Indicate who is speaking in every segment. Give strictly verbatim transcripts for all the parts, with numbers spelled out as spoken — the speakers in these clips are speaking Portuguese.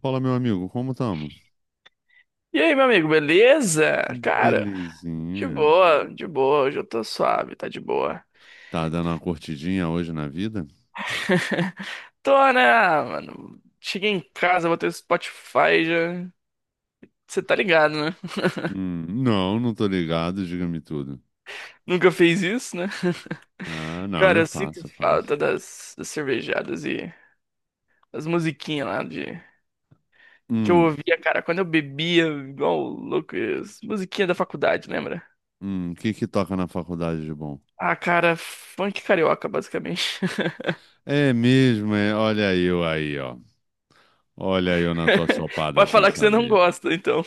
Speaker 1: Fala, meu amigo, como estamos?
Speaker 2: E aí, meu amigo, beleza? Cara, de
Speaker 1: Belezinha.
Speaker 2: boa, de boa, hoje eu tô suave, tá de boa.
Speaker 1: Tá dando uma curtidinha hoje na vida?
Speaker 2: Tô, né, ah, mano? Cheguei em casa, botei o Spotify já. Você tá ligado, né?
Speaker 1: Hum, não, não tô ligado, diga-me tudo.
Speaker 2: Nunca fez isso, né?
Speaker 1: Ah, não,
Speaker 2: Cara,
Speaker 1: eu
Speaker 2: eu sinto
Speaker 1: faço, eu faço.
Speaker 2: falta das, das cervejadas e das musiquinhas lá de. Que eu
Speaker 1: Hum,
Speaker 2: ouvia, cara, quando eu bebia, igual louco, as musiquinhas da faculdade, lembra?
Speaker 1: hum, o que que toca na faculdade de bom?
Speaker 2: Ah, cara, funk carioca, basicamente.
Speaker 1: É mesmo, é, olha eu aí, ó. Olha eu na tua chopada
Speaker 2: Vai
Speaker 1: sem
Speaker 2: falar que você não
Speaker 1: saber.
Speaker 2: gosta, então.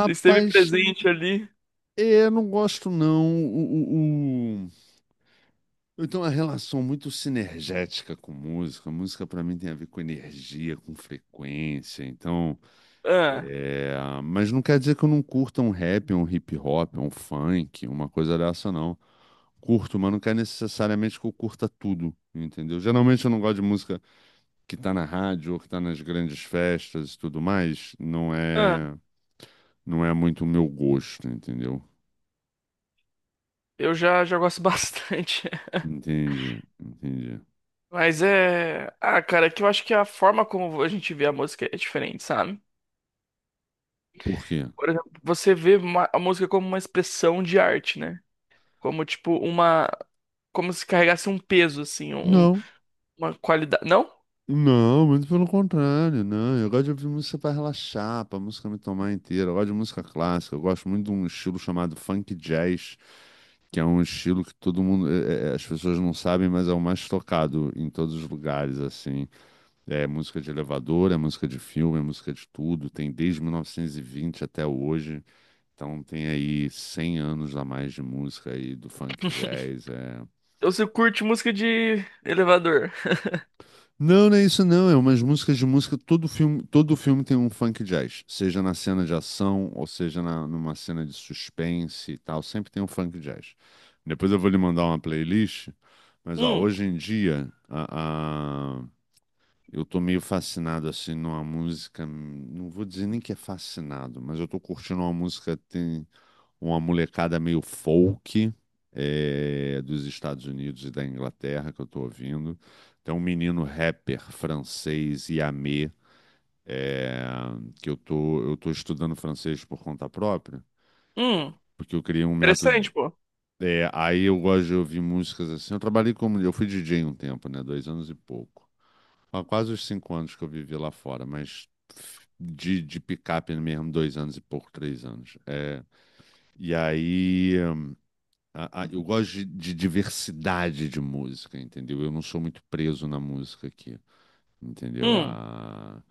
Speaker 2: Você esteve presente ali.
Speaker 1: é, eu não gosto não. O, o, o- Eu tenho uma relação muito sinergética com música. Música pra mim tem a ver com energia, com frequência, então.
Speaker 2: Ah,
Speaker 1: É, mas não quer dizer que eu não curta um rap, um hip hop, um funk, uma coisa dessa, não. Curto, mas não quer necessariamente que eu curta tudo, entendeu? Geralmente eu não gosto de música que tá na rádio ou que tá nas grandes festas e tudo mais. Não
Speaker 2: ah,
Speaker 1: é, não é muito o meu gosto, entendeu?
Speaker 2: eu já, já gosto bastante.
Speaker 1: Entendi, entendi.
Speaker 2: Mas é. Ah, cara, é que eu acho que a forma como a gente vê a música é diferente, sabe?
Speaker 1: Por quê?
Speaker 2: Por exemplo, você vê uma- a música como uma expressão de arte, né? Como, tipo, uma. Como se carregasse um peso, assim, um-
Speaker 1: Não.
Speaker 2: uma qualidade. Não?
Speaker 1: Não, muito pelo contrário, não. Eu gosto de ouvir música para relaxar, para música me tomar inteira. Eu gosto de música clássica, eu gosto muito de um estilo chamado funk jazz que é um estilo que todo mundo, é, é, as pessoas não sabem, mas é o mais tocado em todos os lugares, assim. É música de elevador, é música de filme, é música de tudo. Tem desde mil novecentos e vinte até hoje. Então tem aí cem anos a mais de música aí do funk jazz. É,
Speaker 2: Então você curte música de elevador.
Speaker 1: não, não é isso não, é umas músicas de música, todo filme, todo filme tem um funk jazz, seja na cena de ação, ou seja na, numa cena de suspense e tal, sempre tem um funk jazz. Depois eu vou lhe mandar uma playlist, mas ó,
Speaker 2: Hum,
Speaker 1: hoje em dia a, a- eu tô meio fascinado assim numa música, hum, não vou dizer nem que é fascinado, mas eu tô curtindo uma música uma molecada meio folk é, dos Estados Unidos e da Inglaterra que eu tô ouvindo. Tem um menino rapper francês, Yamé, é, que eu tô, eu tô estudando francês por conta própria,
Speaker 2: hum.
Speaker 1: porque eu criei um método.
Speaker 2: Interessante, pô.
Speaker 1: É, aí eu gosto de ouvir músicas assim. Eu trabalhei como. Eu fui D J um tempo, né? Dois anos e pouco. Há quase os cinco anos que eu vivi lá fora, mas de, de picape mesmo, dois anos e pouco, três anos. É, e aí. Hum, A- a- eu gosto de, de diversidade de música, entendeu? Eu não sou muito preso na música aqui, entendeu?
Speaker 2: Hum.
Speaker 1: A-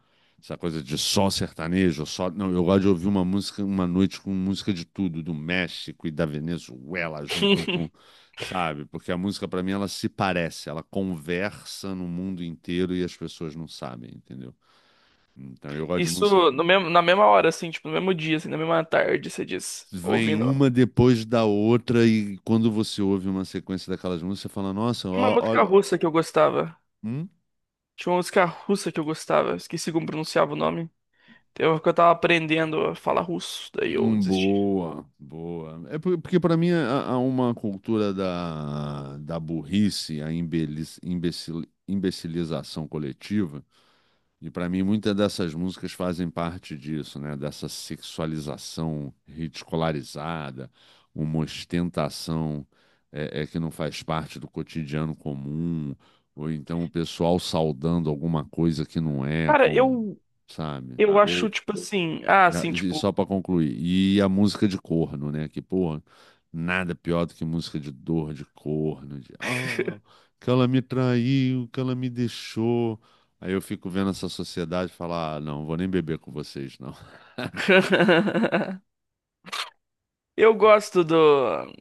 Speaker 1: Essa coisa de só sertanejo, só. Não, eu gosto de ouvir uma música, uma noite com música de tudo, do México e da Venezuela, junto com, sabe? Porque a música, pra mim, ela se parece, ela conversa no mundo inteiro e as pessoas não sabem, entendeu? Então, eu gosto de música.
Speaker 2: Isso no mesmo, na mesma hora, assim, tipo, no mesmo dia, assim, na mesma tarde, você diz.
Speaker 1: Vem
Speaker 2: Ouvindo.
Speaker 1: uma depois da outra, e quando você ouve uma sequência daquelas músicas, você fala: Nossa,
Speaker 2: Tinha uma
Speaker 1: ó-
Speaker 2: música
Speaker 1: olha.
Speaker 2: russa que eu gostava.
Speaker 1: Hum?
Speaker 2: Tinha uma música russa que eu gostava. Esqueci como pronunciava o nome. Eu, que eu tava aprendendo a falar russo, daí eu
Speaker 1: Hum,
Speaker 2: desisti.
Speaker 1: Boa, boa. É por- porque para mim há há uma cultura da, da burrice, a imbeliz- imbecil, imbecilização coletiva, e para mim muitas dessas músicas fazem parte disso, né? Dessa sexualização ridicularizada, uma ostentação é, é, que não faz parte do cotidiano comum, ou então o pessoal saudando alguma coisa que não é,
Speaker 2: Cara,
Speaker 1: como,
Speaker 2: eu,
Speaker 1: sabe?
Speaker 2: eu Ah, acho, tipo assim. Ah,
Speaker 1: E a-
Speaker 2: assim,
Speaker 1: e
Speaker 2: tipo.
Speaker 1: só pra concluir, e a música de corno, né? Que, porra, nada pior do que música de dor, de corno, de ah, que ela me traiu, que ela me deixou. Aí eu fico vendo essa sociedade e falar, ah, não, vou nem beber com vocês, não.
Speaker 2: Eu gosto do.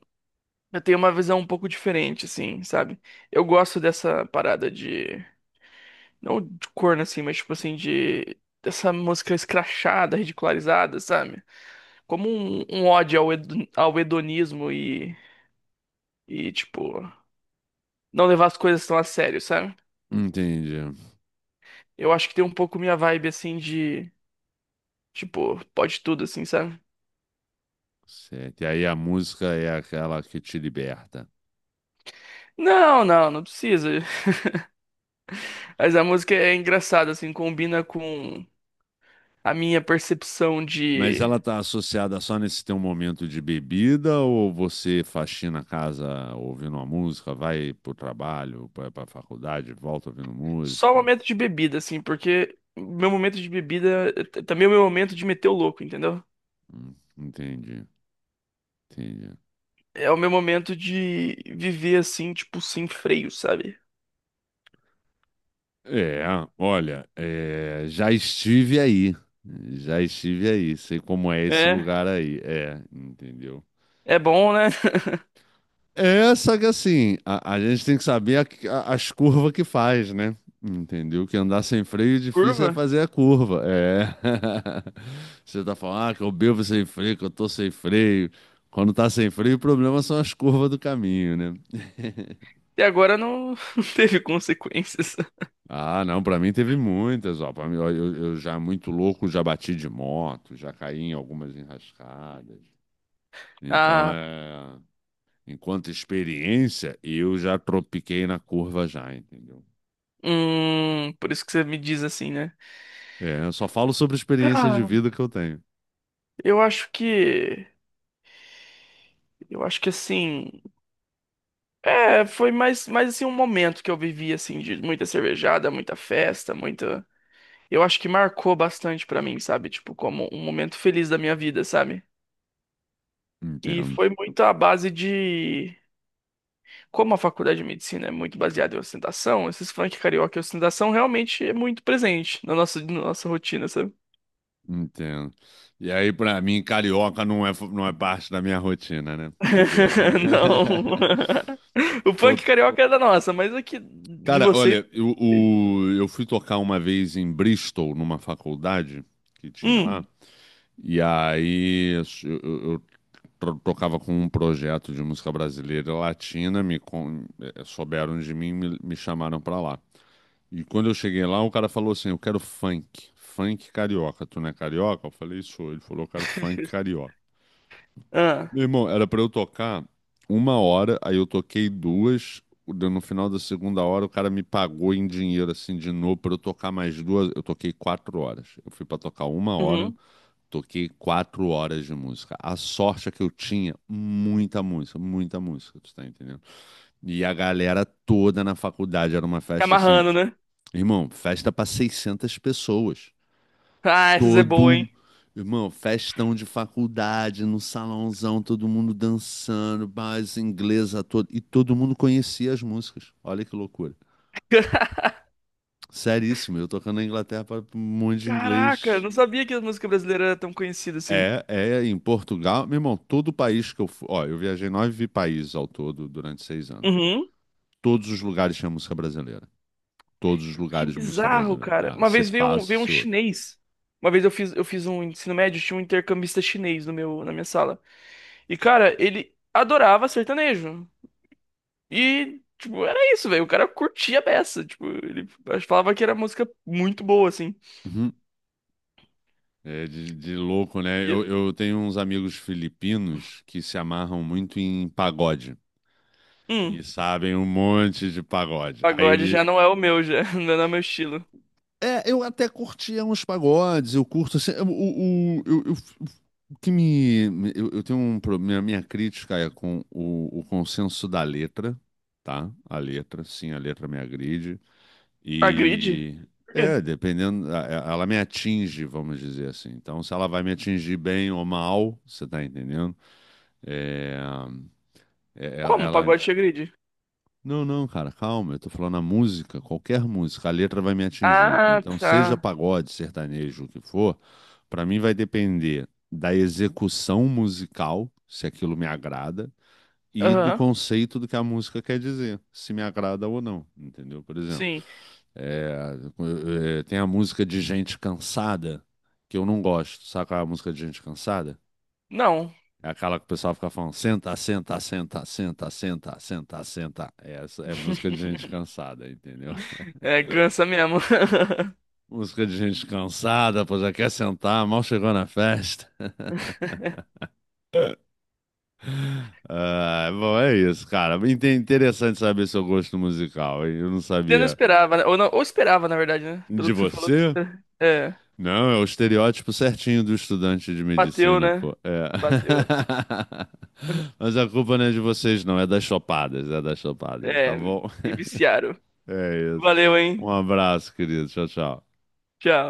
Speaker 2: Eu tenho uma visão um pouco diferente, assim, sabe? Eu gosto dessa parada de. Não de corno, assim, mas tipo assim, de. Dessa música escrachada, ridicularizada, sabe? Como um, um ódio ao, hedo- ao hedonismo e, e, tipo, não levar as coisas tão a sério, sabe?
Speaker 1: Entendi.
Speaker 2: Eu acho que tem um pouco minha vibe, assim, de, tipo, pode tudo, assim, sabe?
Speaker 1: Certo. E aí a música é aquela que te liberta.
Speaker 2: Não, não, não precisa. Mas a música é engraçada, assim, combina com a minha percepção
Speaker 1: Mas
Speaker 2: de
Speaker 1: ela tá associada só nesse teu momento de bebida ou você faxina a casa ouvindo uma música, vai pro trabalho, vai pra faculdade, volta ouvindo
Speaker 2: só o
Speaker 1: música?
Speaker 2: momento de bebida, assim, porque meu momento de bebida é t- também é o meu momento de meter o louco, entendeu?
Speaker 1: Hum, Entendi, entendi.
Speaker 2: É o meu momento de viver, assim, tipo, sem freio, sabe?
Speaker 1: É, olha, é, já estive aí, já estive aí, sei como é esse
Speaker 2: É,
Speaker 1: lugar aí, é, entendeu?
Speaker 2: é bom, né?
Speaker 1: É, só que assim, a, a gente tem que saber a- a- as curvas que faz, né? Entendeu? Que andar sem freio é difícil é
Speaker 2: Curva.
Speaker 1: fazer a curva, é. Você tá falando, ah, que eu bebo sem freio, que eu tô sem freio. Quando tá sem freio, o problema são as curvas do caminho, né?
Speaker 2: E agora não, não teve consequências.
Speaker 1: Ah, não, pra mim teve muitas, ó. Pra mim, ó, eu, eu já muito louco, já bati de moto, já caí em algumas enrascadas. Então,
Speaker 2: Ah,
Speaker 1: é, enquanto experiência, eu já tropiquei na curva já, entendeu?
Speaker 2: hum, por isso que você me diz assim, né?
Speaker 1: É, eu só falo sobre experiência de
Speaker 2: Cara,
Speaker 1: vida que eu tenho.
Speaker 2: eu acho que, eu acho que assim, é, foi mais, mais assim um momento que eu vivi assim de muita cervejada, muita festa, muita. Eu acho que marcou bastante pra mim, sabe? Tipo, como um momento feliz da minha vida, sabe? E
Speaker 1: Entendo,
Speaker 2: foi muito à base de. Como a faculdade de medicina é muito baseada em ostentação, esses funk carioca e ostentação realmente é muito presente na nossa, na nossa rotina, sabe?
Speaker 1: entendo. E aí, pra mim, carioca não é, não é parte da minha rotina, né? Tu vê.
Speaker 2: Não. O
Speaker 1: Tô-
Speaker 2: punk carioca é da nossa, mas aqui de
Speaker 1: Cara,
Speaker 2: vocês.
Speaker 1: olha, eu, o- eu fui tocar uma vez em Bristol, numa faculdade que tinha lá,
Speaker 2: Hum.
Speaker 1: e aí eu, eu- eu tro- tocava com um projeto de música brasileira e latina, me con- eh, souberam de mim, me, me chamaram pra lá. E quando eu cheguei lá, o cara falou assim: Eu quero funk, funk carioca. Tu não é carioca? Eu falei: Sou. Ele falou: Eu quero funk carioca.
Speaker 2: Ah.
Speaker 1: Meu irmão, era pra eu tocar uma hora, aí eu toquei duas. deu- No final da segunda hora, o cara me pagou em dinheiro, assim, de novo, pra eu tocar mais duas. Eu toquei quatro horas. Eu fui pra tocar uma hora,
Speaker 2: Uhum.
Speaker 1: toquei quatro horas de música. A sorte é que eu tinha muita música, muita música, tu tá entendendo? E a galera toda na faculdade, era uma
Speaker 2: Tá
Speaker 1: festa assim.
Speaker 2: amarrando, né?
Speaker 1: Irmão, festa pra seiscentas pessoas
Speaker 2: Ah, essas é boa,
Speaker 1: todo,
Speaker 2: hein?
Speaker 1: irmão, festão de faculdade, no salãozão, todo mundo dançando, base inglesa todo, e todo mundo conhecia as músicas. Olha que loucura. Seríssimo, eu tocando na Inglaterra para um monte de
Speaker 2: Caraca,
Speaker 1: inglês.
Speaker 2: não sabia que a música brasileira era tão conhecida assim.
Speaker 1: É, é, em Portugal, meu irmão, todo país que eu fui, ó, eu viajei nove países ao todo durante seis anos.
Speaker 2: Uhum.
Speaker 1: Todos os lugares tinha música brasileira. Todos os
Speaker 2: Que
Speaker 1: lugares de música
Speaker 2: bizarro,
Speaker 1: brasileira.
Speaker 2: cara.
Speaker 1: É,
Speaker 2: Uma
Speaker 1: você
Speaker 2: vez veio um,
Speaker 1: passa,
Speaker 2: veio um
Speaker 1: você ouve.
Speaker 2: chinês. Uma vez eu fiz, eu fiz um ensino médio, tinha um intercambista chinês no meu, na minha sala. E, cara, ele adorava sertanejo. E, tipo, era isso, velho. O cara curtia a beça. Tipo, ele falava que era música muito boa, assim.
Speaker 1: Uhum. É de, de louco, né? Eu,
Speaker 2: E,
Speaker 1: eu tenho uns amigos filipinos que se amarram muito em pagode e
Speaker 2: hum,
Speaker 1: sabem um monte de pagode. Aí
Speaker 2: pagode
Speaker 1: ele.
Speaker 2: já não é o meu, já. Não é o meu estilo.
Speaker 1: É, eu até curtia uns pagodes, eu curto assim. O, o, o- eu, eu- o que me. me- Eu, eu tenho um problema. Minha crítica é com o, o consenso da letra, tá? A letra, sim, a letra me agride.
Speaker 2: Agride?
Speaker 1: E
Speaker 2: Por quê?
Speaker 1: é, dependendo, a- a- ela me atinge, vamos dizer assim. Então, se ela vai me atingir bem ou mal, você tá entendendo? É, é, ela,
Speaker 2: Como
Speaker 1: ela-
Speaker 2: pagode te agride?
Speaker 1: não, não, cara, calma, eu tô falando a música, qualquer música, a letra vai me atingir.
Speaker 2: Ah,
Speaker 1: Então, seja
Speaker 2: tá.
Speaker 1: pagode, sertanejo, o que for, pra mim vai depender da execução musical, se aquilo me agrada, e do
Speaker 2: Aham,
Speaker 1: conceito do que a música quer dizer, se me agrada ou não, entendeu? Por exemplo.
Speaker 2: sim.
Speaker 1: É, é, Tem a música de gente cansada, que eu não gosto. Sabe qual é a música de gente cansada?
Speaker 2: Não.
Speaker 1: É aquela que o pessoal fica falando, senta, senta, senta, senta, senta, senta, senta. Essa é música de gente cansada, entendeu?
Speaker 2: É, cansa mesmo.
Speaker 1: Música de gente cansada, pô, já quer sentar, mal chegou na festa. Ah, bom, é isso, cara. Inte- Interessante saber seu gosto musical, hein? Eu não
Speaker 2: Você não
Speaker 1: sabia
Speaker 2: esperava, né? Ou, não, ou esperava, na verdade, né? Pelo
Speaker 1: de
Speaker 2: que você falou.
Speaker 1: você.
Speaker 2: É,
Speaker 1: Não, é o estereótipo certinho do estudante de
Speaker 2: bateu,
Speaker 1: medicina,
Speaker 2: né?
Speaker 1: pô. É.
Speaker 2: Bateu.
Speaker 1: Mas a culpa não é de vocês, não. É das chopadas, é das chopadas, tá
Speaker 2: É,
Speaker 1: bom?
Speaker 2: me viciaram.
Speaker 1: É isso.
Speaker 2: Valeu,
Speaker 1: Um
Speaker 2: hein?
Speaker 1: abraço, querido. Tchau, tchau.
Speaker 2: Tchau.